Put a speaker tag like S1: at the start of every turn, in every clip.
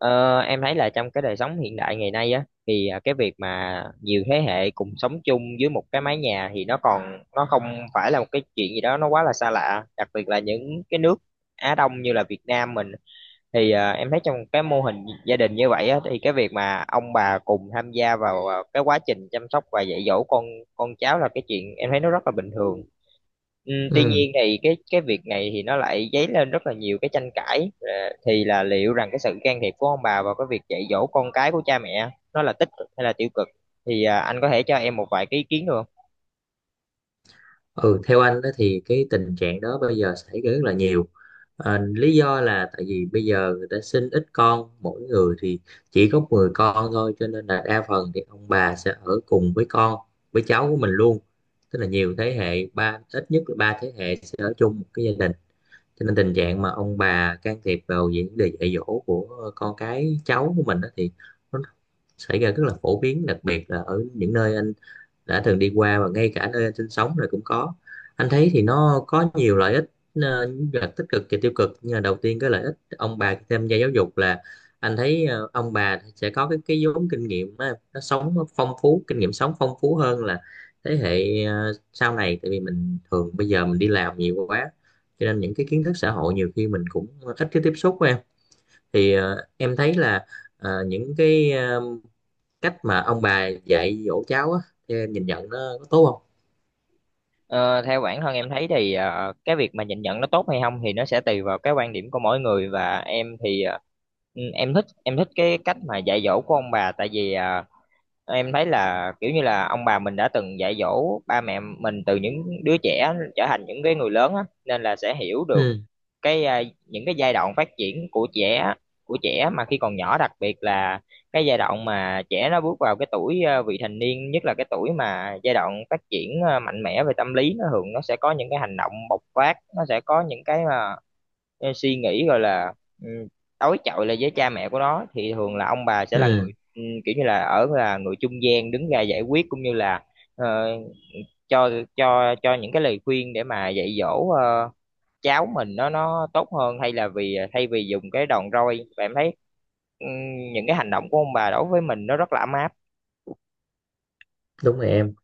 S1: Ờ, em thấy là trong cái đời sống hiện đại ngày nay á thì cái việc mà nhiều thế hệ cùng sống chung dưới một cái mái nhà thì nó còn nó không phải là một cái chuyện gì đó nó quá là xa lạ, đặc biệt là những cái nước Á Đông như là Việt Nam mình. Thì, em thấy trong cái mô hình gia đình như vậy á, thì cái việc mà ông bà cùng tham gia vào cái quá trình chăm sóc và dạy dỗ con cháu là cái chuyện em thấy nó rất là bình thường. Tuy
S2: Ừ.
S1: nhiên thì cái việc này thì nó lại dấy lên rất là nhiều cái tranh cãi, thì là liệu rằng cái sự can thiệp của ông bà vào cái việc dạy dỗ con cái của cha mẹ nó là tích cực hay là tiêu cực, thì anh có thể cho em một vài cái ý kiến được?
S2: Ừ, theo anh đó thì cái tình trạng đó bây giờ xảy ra rất là nhiều. Lý do là tại vì bây giờ người ta sinh ít con, mỗi người thì chỉ có 10 con thôi, cho nên là đa phần thì ông bà sẽ ở cùng với con với cháu của mình luôn. Tức là nhiều thế hệ, ít nhất là 3 thế hệ sẽ ở chung một cái gia đình, cho nên tình trạng mà ông bà can thiệp vào vấn đề dạy dỗ của con cái cháu của mình đó thì nó xảy ra rất là phổ biến, đặc biệt là ở những nơi anh đã từng đi qua và ngay cả nơi anh sinh sống rồi cũng có. Anh thấy thì nó có nhiều lợi ích, những tích cực và tiêu cực, nhưng mà đầu tiên cái lợi ích ông bà khi tham gia giáo dục là anh thấy ông bà sẽ có cái vốn kinh nghiệm á, nó sống nó phong phú, kinh nghiệm sống phong phú hơn là thế hệ sau này. Tại vì mình thường bây giờ mình đi làm nhiều quá cho nên những cái kiến thức xã hội nhiều khi mình cũng ít cái tiếp xúc với em. Thì em thấy là những cái cách mà ông bà dạy dỗ cháu á thì em nhìn nhận nó có tốt không?
S1: Ờ, Theo bản thân em thấy thì cái việc mà nhìn nhận nó tốt hay không thì nó sẽ tùy vào cái quan điểm của mỗi người, và em thì em thích cái cách mà dạy dỗ của ông bà, tại vì em thấy là kiểu như là ông bà mình đã từng dạy dỗ ba mẹ mình từ những đứa trẻ trở thành những cái người lớn á, nên là sẽ hiểu được
S2: Ừ.
S1: những cái giai đoạn phát triển của trẻ mà khi còn nhỏ, đặc biệt là cái giai đoạn mà trẻ nó bước vào cái tuổi vị thành niên, nhất là cái tuổi mà giai đoạn phát triển mạnh mẽ về tâm lý, nó thường nó sẽ có những cái hành động bộc phát, nó sẽ có những cái suy nghĩ gọi là ừ, đối chọi lại với cha mẹ của nó, thì thường là ông bà sẽ là
S2: Ừ,
S1: người, kiểu như là là người trung gian đứng ra giải quyết, cũng như là ờ, cho cho những cái lời khuyên để mà dạy dỗ cháu mình nó tốt hơn, hay là vì thay vì dùng cái đòn roi. Và em thấy ừm, những cái hành động của ông bà đối với mình nó rất là ấm áp.
S2: đúng rồi em.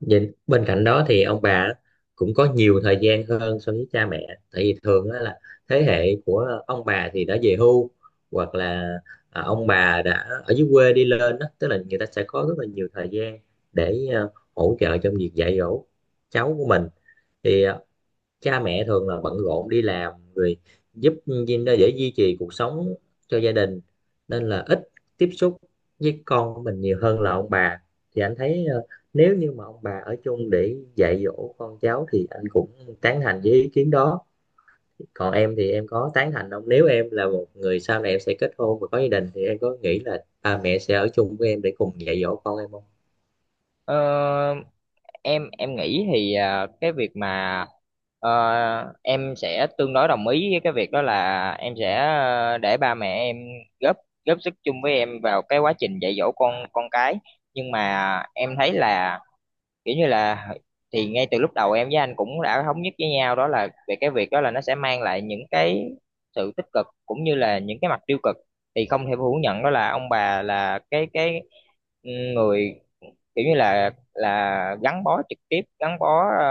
S2: Vậy bên cạnh đó thì ông bà cũng có nhiều thời gian hơn so với cha mẹ. Tại vì thường á là thế hệ của ông bà thì đã về hưu, hoặc là ông bà đã ở dưới quê đi lên đó, tức là người ta sẽ có rất là nhiều thời gian để hỗ trợ trong việc dạy dỗ cháu của mình. Thì cha mẹ thường là bận rộn đi làm rồi, giúp để duy trì cuộc sống cho gia đình, nên là ít tiếp xúc với con của mình nhiều hơn là ông bà. Thì anh thấy nếu như mà ông bà ở chung để dạy dỗ con cháu thì anh cũng tán thành với ý kiến đó. Còn em thì em có tán thành không, nếu em là một người sau này em sẽ kết hôn và có gia đình thì em có nghĩ là ba mẹ sẽ ở chung với em để cùng dạy dỗ con em không?
S1: Ờ, em nghĩ thì cái việc mà ờ, em sẽ tương đối đồng ý với cái việc đó, là em sẽ để ba mẹ em góp góp sức chung với em vào cái quá trình dạy dỗ con cái, nhưng mà em thấy là, kiểu như là, thì ngay từ lúc đầu em với anh cũng đã thống nhất với nhau đó, là về cái việc đó là nó sẽ mang lại những cái sự tích cực cũng như là những cái mặt tiêu cực. Thì không thể phủ nhận đó là ông bà là cái người, kiểu như là gắn bó trực tiếp, gắn bó ờ,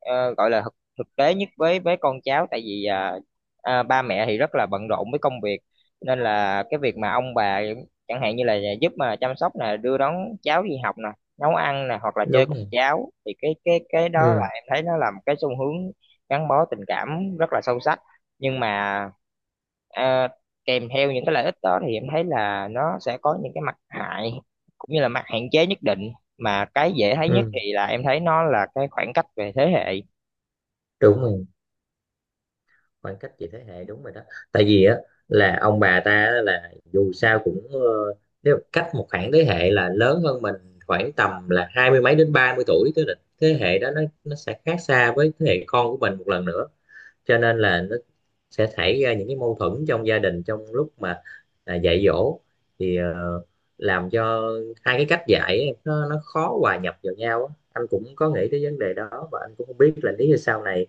S1: ờ, gọi là thực thực tế nhất với con cháu, tại vì ba mẹ thì rất là bận rộn với công việc, nên là cái việc mà ông bà, chẳng hạn như là giúp mà chăm sóc nè, đưa đón cháu đi học nè, nấu ăn nè, hoặc là chơi
S2: Đúng
S1: cùng
S2: rồi.
S1: cháu, thì cái đó là
S2: Ừ.
S1: em thấy nó là một cái xu hướng gắn bó tình cảm rất là sâu sắc. Nhưng mà à, kèm theo những cái lợi ích đó thì em thấy là nó sẽ có những cái mặt hại cũng như là mặt hạn chế nhất định, mà cái dễ thấy nhất
S2: Ừ,
S1: thì là em thấy nó là cái khoảng cách về thế hệ.
S2: đúng rồi. Khoảng cách về thế hệ, đúng rồi đó. Tại vì á là ông bà ta á, là dù sao cũng nếu cách một khoảng thế hệ là lớn hơn mình khoảng tầm là hai mươi mấy đến 30 tuổi, tức là thế hệ đó nó sẽ khác xa với thế hệ con của mình một lần nữa. Cho nên là nó sẽ xảy ra những cái mâu thuẫn trong gia đình trong lúc mà dạy dỗ, thì làm cho hai cái cách dạy ấy, nó khó hòa nhập vào nhau á. Anh cũng có nghĩ tới vấn đề đó và anh cũng không biết là nếu như sau này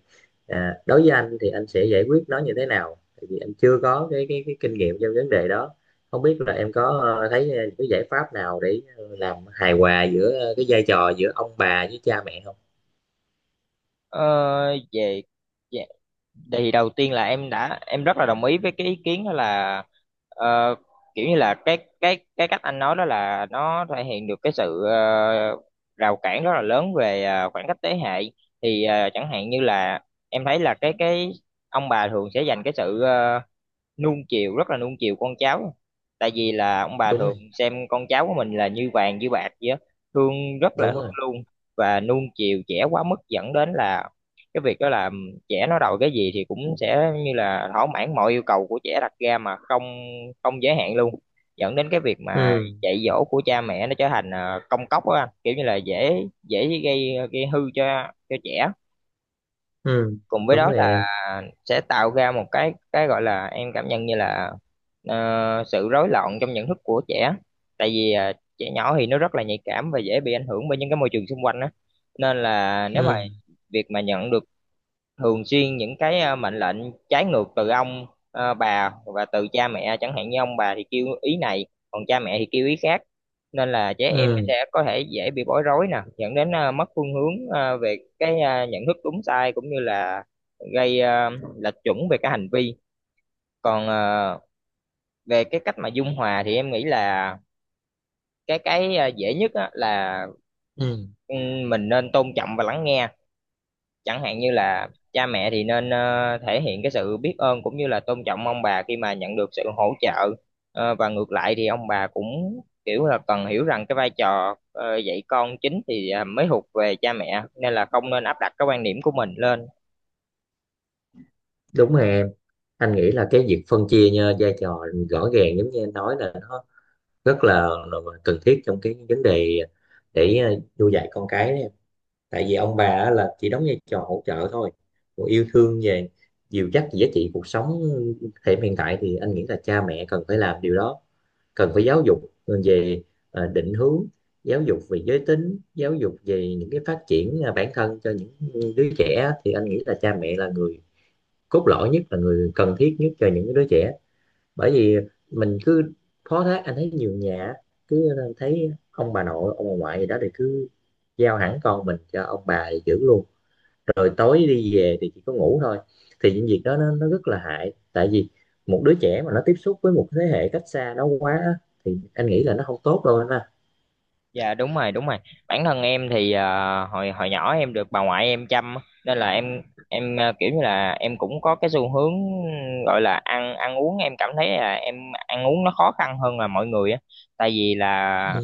S2: đối với anh thì anh sẽ giải quyết nó như thế nào, tại vì anh chưa có cái kinh nghiệm trong vấn đề đó. Không biết là em có thấy cái giải pháp nào để làm hài hòa giữa cái vai trò giữa ông bà với cha mẹ không?
S1: Ờ, về về- Thì đầu tiên là em đã em rất là đồng ý với cái ý kiến đó, là ờ, kiểu như là cái cách anh nói đó là nó thể hiện được cái sự rào cản rất là lớn về khoảng cách thế hệ. Thì chẳng hạn như là em thấy là cái ông bà thường sẽ dành cái sự nuông chiều, rất là nuông chiều con cháu, tại vì là ông bà
S2: Đúng
S1: thường
S2: rồi.
S1: xem con cháu của mình là như vàng như bạc vậy á, thương rất là
S2: Đúng
S1: thương
S2: rồi.
S1: luôn, và nuông chiều trẻ quá mức, dẫn đến là cái việc đó là trẻ nó đòi cái gì thì cũng sẽ như là thỏa mãn mọi yêu cầu của trẻ đặt ra, mà không không giới hạn luôn, dẫn đến cái việc mà
S2: Ừ.
S1: dạy dỗ của cha mẹ nó trở thành công cốc á anh. Kiểu như là dễ dễ gây gây hư cho trẻ.
S2: Ừ,
S1: Cùng với
S2: đúng
S1: đó
S2: rồi
S1: là
S2: em.
S1: sẽ tạo ra một cái gọi là em cảm nhận như là ờ, sự rối loạn trong nhận thức của trẻ, tại vì trẻ nhỏ thì nó rất là nhạy cảm và dễ bị ảnh hưởng bởi những cái môi trường xung quanh á, nên là nếu mà
S2: Ừ.
S1: việc mà nhận được thường xuyên những cái mệnh lệnh trái ngược từ bà và từ cha mẹ, chẳng hạn như ông bà thì kêu ý này còn cha mẹ thì kêu ý khác, nên là trẻ em nó
S2: Ừ.
S1: sẽ có thể dễ bị bối rối nè, dẫn đến mất phương hướng về cái nhận thức đúng sai, cũng như là gây lệch chuẩn về cái hành vi. Còn về cái cách mà dung hòa thì em nghĩ là cái dễ nhất á, là
S2: Ừ,
S1: ừ, mình nên tôn trọng và lắng nghe. Chẳng hạn như là cha mẹ thì nên thể hiện cái sự biết ơn cũng như là tôn trọng ông bà khi mà nhận được sự hỗ trợ. Và ngược lại thì ông bà cũng kiểu là cần hiểu rằng cái vai trò dạy con chính thì mới thuộc về cha mẹ, nên là không nên áp đặt cái quan điểm của mình lên.
S2: đúng rồi em. Anh nghĩ là cái việc phân chia nha, vai trò rõ ràng giống như em nói là nó rất là cần thiết trong cái vấn đề để nuôi dạy con cái. Tại vì ông bà á là chỉ đóng vai trò hỗ trợ thôi, còn yêu thương, về dìu dắt giá trị cuộc sống thời điểm hiện tại thì anh nghĩ là cha mẹ cần phải làm điều đó. Cần phải giáo dục về định hướng, giáo dục về giới tính, giáo dục về những cái phát triển bản thân cho những đứa trẻ. Thì anh nghĩ là cha mẹ là người cốt lõi nhất, là người cần thiết nhất cho những đứa trẻ. Bởi vì mình cứ phó thác, anh thấy nhiều nhà cứ thấy ông bà nội ông bà ngoại gì đó thì cứ giao hẳn con mình cho ông bà thì giữ luôn, rồi tối đi về thì chỉ có ngủ thôi. Thì những việc đó nó rất là hại, tại vì một đứa trẻ mà nó tiếp xúc với một thế hệ cách xa nó quá á, thì anh nghĩ là nó không tốt đâu anh ha.
S1: Dạ đúng rồi, đúng rồi. Bản thân em thì hồi hồi nhỏ em được bà ngoại em chăm á, nên là em kiểu như là em cũng có cái xu hướng gọi là ăn ăn uống, em cảm thấy là em ăn uống nó khó khăn hơn là mọi người á. Tại vì là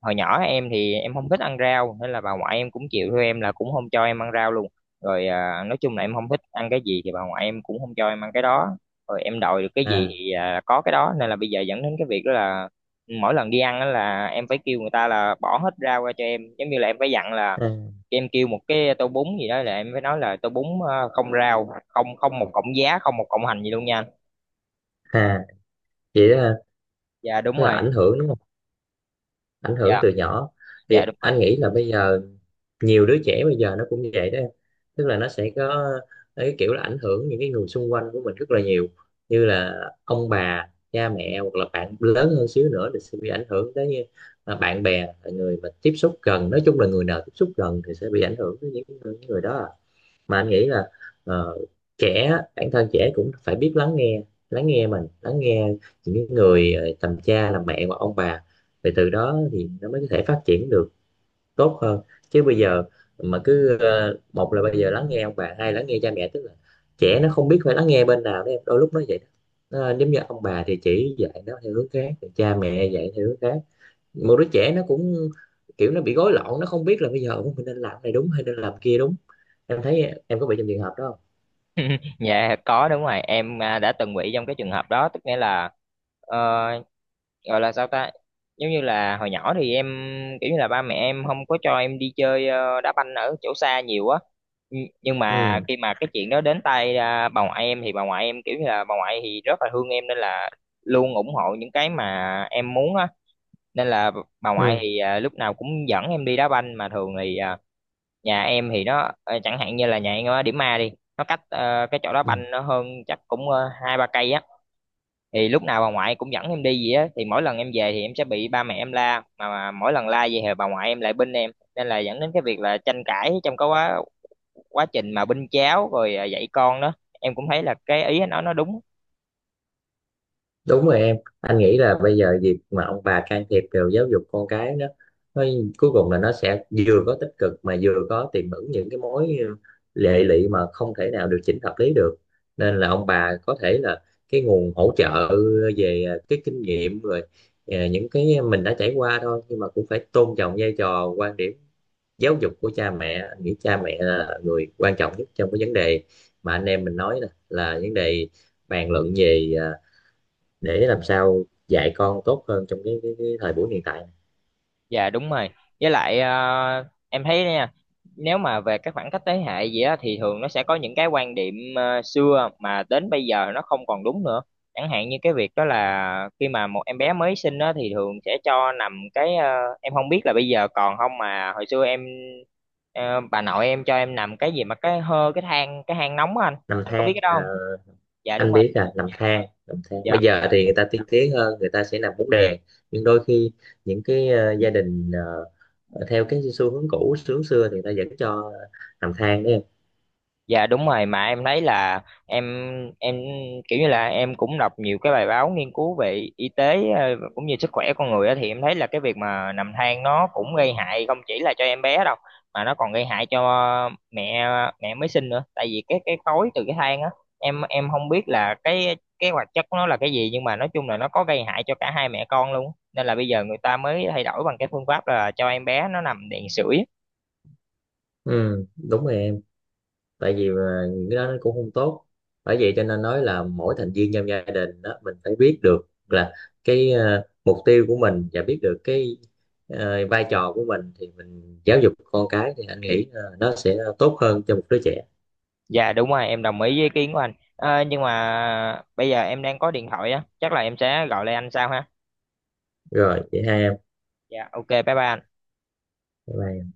S1: hồi nhỏ em thì em không thích ăn rau, nên là bà ngoại em cũng chịu theo em là cũng không cho em ăn rau luôn. Rồi nói chung là em không thích ăn cái gì thì bà ngoại em cũng không cho em ăn cái đó, rồi em đòi được cái gì
S2: à,
S1: thì có cái đó, nên là bây giờ dẫn đến cái việc đó là mỗi lần đi ăn á là em phải kêu người ta là bỏ hết rau ra cho em, giống như là em phải dặn là
S2: à,
S1: em kêu một cái tô bún gì đó là em phải nói là tô bún không rau, không, một cọng giá, không một cọng hành gì luôn nha.
S2: à Vậy đó,
S1: Dạ đúng
S2: nó là
S1: rồi.
S2: ảnh hưởng đúng không? Ảnh
S1: Dạ.
S2: hưởng từ nhỏ. Thì
S1: Dạ đúng
S2: anh
S1: rồi.
S2: nghĩ là bây giờ nhiều đứa trẻ bây giờ nó cũng vậy đó em. Tức là nó sẽ có cái kiểu là ảnh hưởng những cái người xung quanh của mình rất là nhiều, như là ông bà cha mẹ hoặc là bạn lớn hơn xíu nữa thì sẽ bị ảnh hưởng tới, như là bạn bè, là người mà tiếp xúc gần. Nói chung là người nào tiếp xúc gần thì sẽ bị ảnh hưởng tới những người đó à. Mà anh nghĩ là ờ, trẻ bản thân trẻ cũng phải biết lắng nghe, lắng nghe mình, lắng nghe những cái người tầm cha làm mẹ hoặc ông bà. Thì từ đó thì nó mới có thể phát triển được tốt hơn. Chứ bây giờ mà cứ một là bây giờ lắng nghe ông bà, hai lắng nghe cha mẹ, tức là trẻ nó không biết phải lắng nghe bên nào đó em, đôi lúc nó vậy đó. Giống như ông bà thì chỉ dạy nó theo hướng khác, rồi cha mẹ dạy theo hướng khác, một đứa trẻ nó cũng kiểu nó bị gối lộn, nó không biết là bây giờ mình nên làm cái này đúng hay nên làm kia đúng. Em thấy em có bị trong trường hợp đó không?
S1: Dạ có, đúng rồi em, đã từng bị trong cái trường hợp đó, tức nghĩa là ờ, gọi là sao ta, giống như là hồi nhỏ thì em, kiểu như là ba mẹ em không có cho em đi chơi đá banh ở chỗ xa nhiều á. Nhưng mà
S2: Ừ.
S1: khi mà cái chuyện đó đến tay bà ngoại em thì bà ngoại em, kiểu như là bà ngoại thì rất là thương em nên là luôn ủng hộ những cái mà em muốn á, nên là bà ngoại
S2: Ừ.
S1: thì lúc nào cũng dẫn em đi đá banh. Mà thường thì nhà em thì nó chẳng hạn như là nhà em ở Điểm A đi, nó cách cái chỗ đó
S2: Ừ,
S1: banh nó hơn chắc cũng hai ba cây á, thì lúc nào bà ngoại cũng dẫn em đi gì á, thì mỗi lần em về thì em sẽ bị ba mẹ em la. Mà mỗi lần la vậy thì bà ngoại em lại binh em, nên là dẫn đến cái việc là tranh cãi trong cái quá quá trình mà binh cháu rồi dạy con đó. Em cũng thấy là cái ý nó đúng.
S2: đúng rồi em. Anh nghĩ là bây giờ việc mà ông bà can thiệp vào giáo dục con cái đó, nó cuối cùng là nó sẽ vừa có tích cực mà vừa có tiềm ẩn những cái mối lệ lụy mà không thể nào điều chỉnh hợp lý được. Nên là ông bà có thể là cái nguồn hỗ trợ về cái kinh nghiệm rồi, những cái mình đã trải qua thôi, nhưng mà cũng phải tôn trọng vai trò, quan điểm giáo dục của cha mẹ. Anh nghĩ cha mẹ là người quan trọng nhất trong cái vấn đề mà anh em mình nói nè, là vấn đề bàn luận về để làm sao dạy con tốt hơn trong cái thời buổi hiện tại.
S1: Dạ đúng rồi. Với lại em thấy nha, nếu mà về các khoảng cách thế hệ gì á thì thường nó sẽ có những cái quan điểm xưa mà đến bây giờ nó không còn đúng nữa. Chẳng hạn như cái việc đó là khi mà một em bé mới sinh á thì thường sẽ cho nằm cái, em không biết là bây giờ còn không, mà hồi xưa bà nội em cho em nằm cái gì mà cái hơ cái than, cái hang nóng á anh.
S2: Nằm
S1: Anh có biết
S2: than
S1: cái đó
S2: à?
S1: không? Dạ đúng
S2: Anh
S1: rồi.
S2: biết là nằm than.
S1: Dạ.
S2: Bây giờ thì người ta tiên tiến hơn, người ta sẽ nằm bốn đè. Nhưng đôi khi những cái gia đình theo cái xu hướng cũ, xu hướng xưa thì người ta vẫn cho nằm than đấy em.
S1: Dạ đúng rồi, mà em thấy là em kiểu như là em cũng đọc nhiều cái bài báo nghiên cứu về y tế, cũng như sức khỏe con người á, thì em thấy là cái việc mà nằm than nó cũng gây hại không chỉ là cho em bé đâu, mà nó còn gây hại cho mẹ mẹ mới sinh nữa, tại vì cái khói từ cái than á. Em không biết là cái hoạt chất của nó là cái gì, nhưng mà nói chung là nó có gây hại cho cả hai mẹ con luôn, nên là bây giờ người ta mới thay đổi bằng cái phương pháp là cho em bé nó nằm đèn sưởi.
S2: Ừ, đúng rồi em. Tại vì mà những cái đó nó cũng không tốt. Bởi vậy cho nên nói là mỗi thành viên trong gia đình đó mình phải biết được là cái mục tiêu của mình, và biết được cái vai trò của mình, thì mình giáo dục con cái thì anh nghĩ nó sẽ tốt hơn cho một đứa trẻ.
S1: Dạ đúng rồi, em đồng ý với ý kiến của anh. Ờ, nhưng mà bây giờ em đang có điện thoại á, chắc là em sẽ gọi lại anh sau ha.
S2: Rồi vậy hai em.
S1: Dạ ok, bye bye anh.
S2: Bye bye.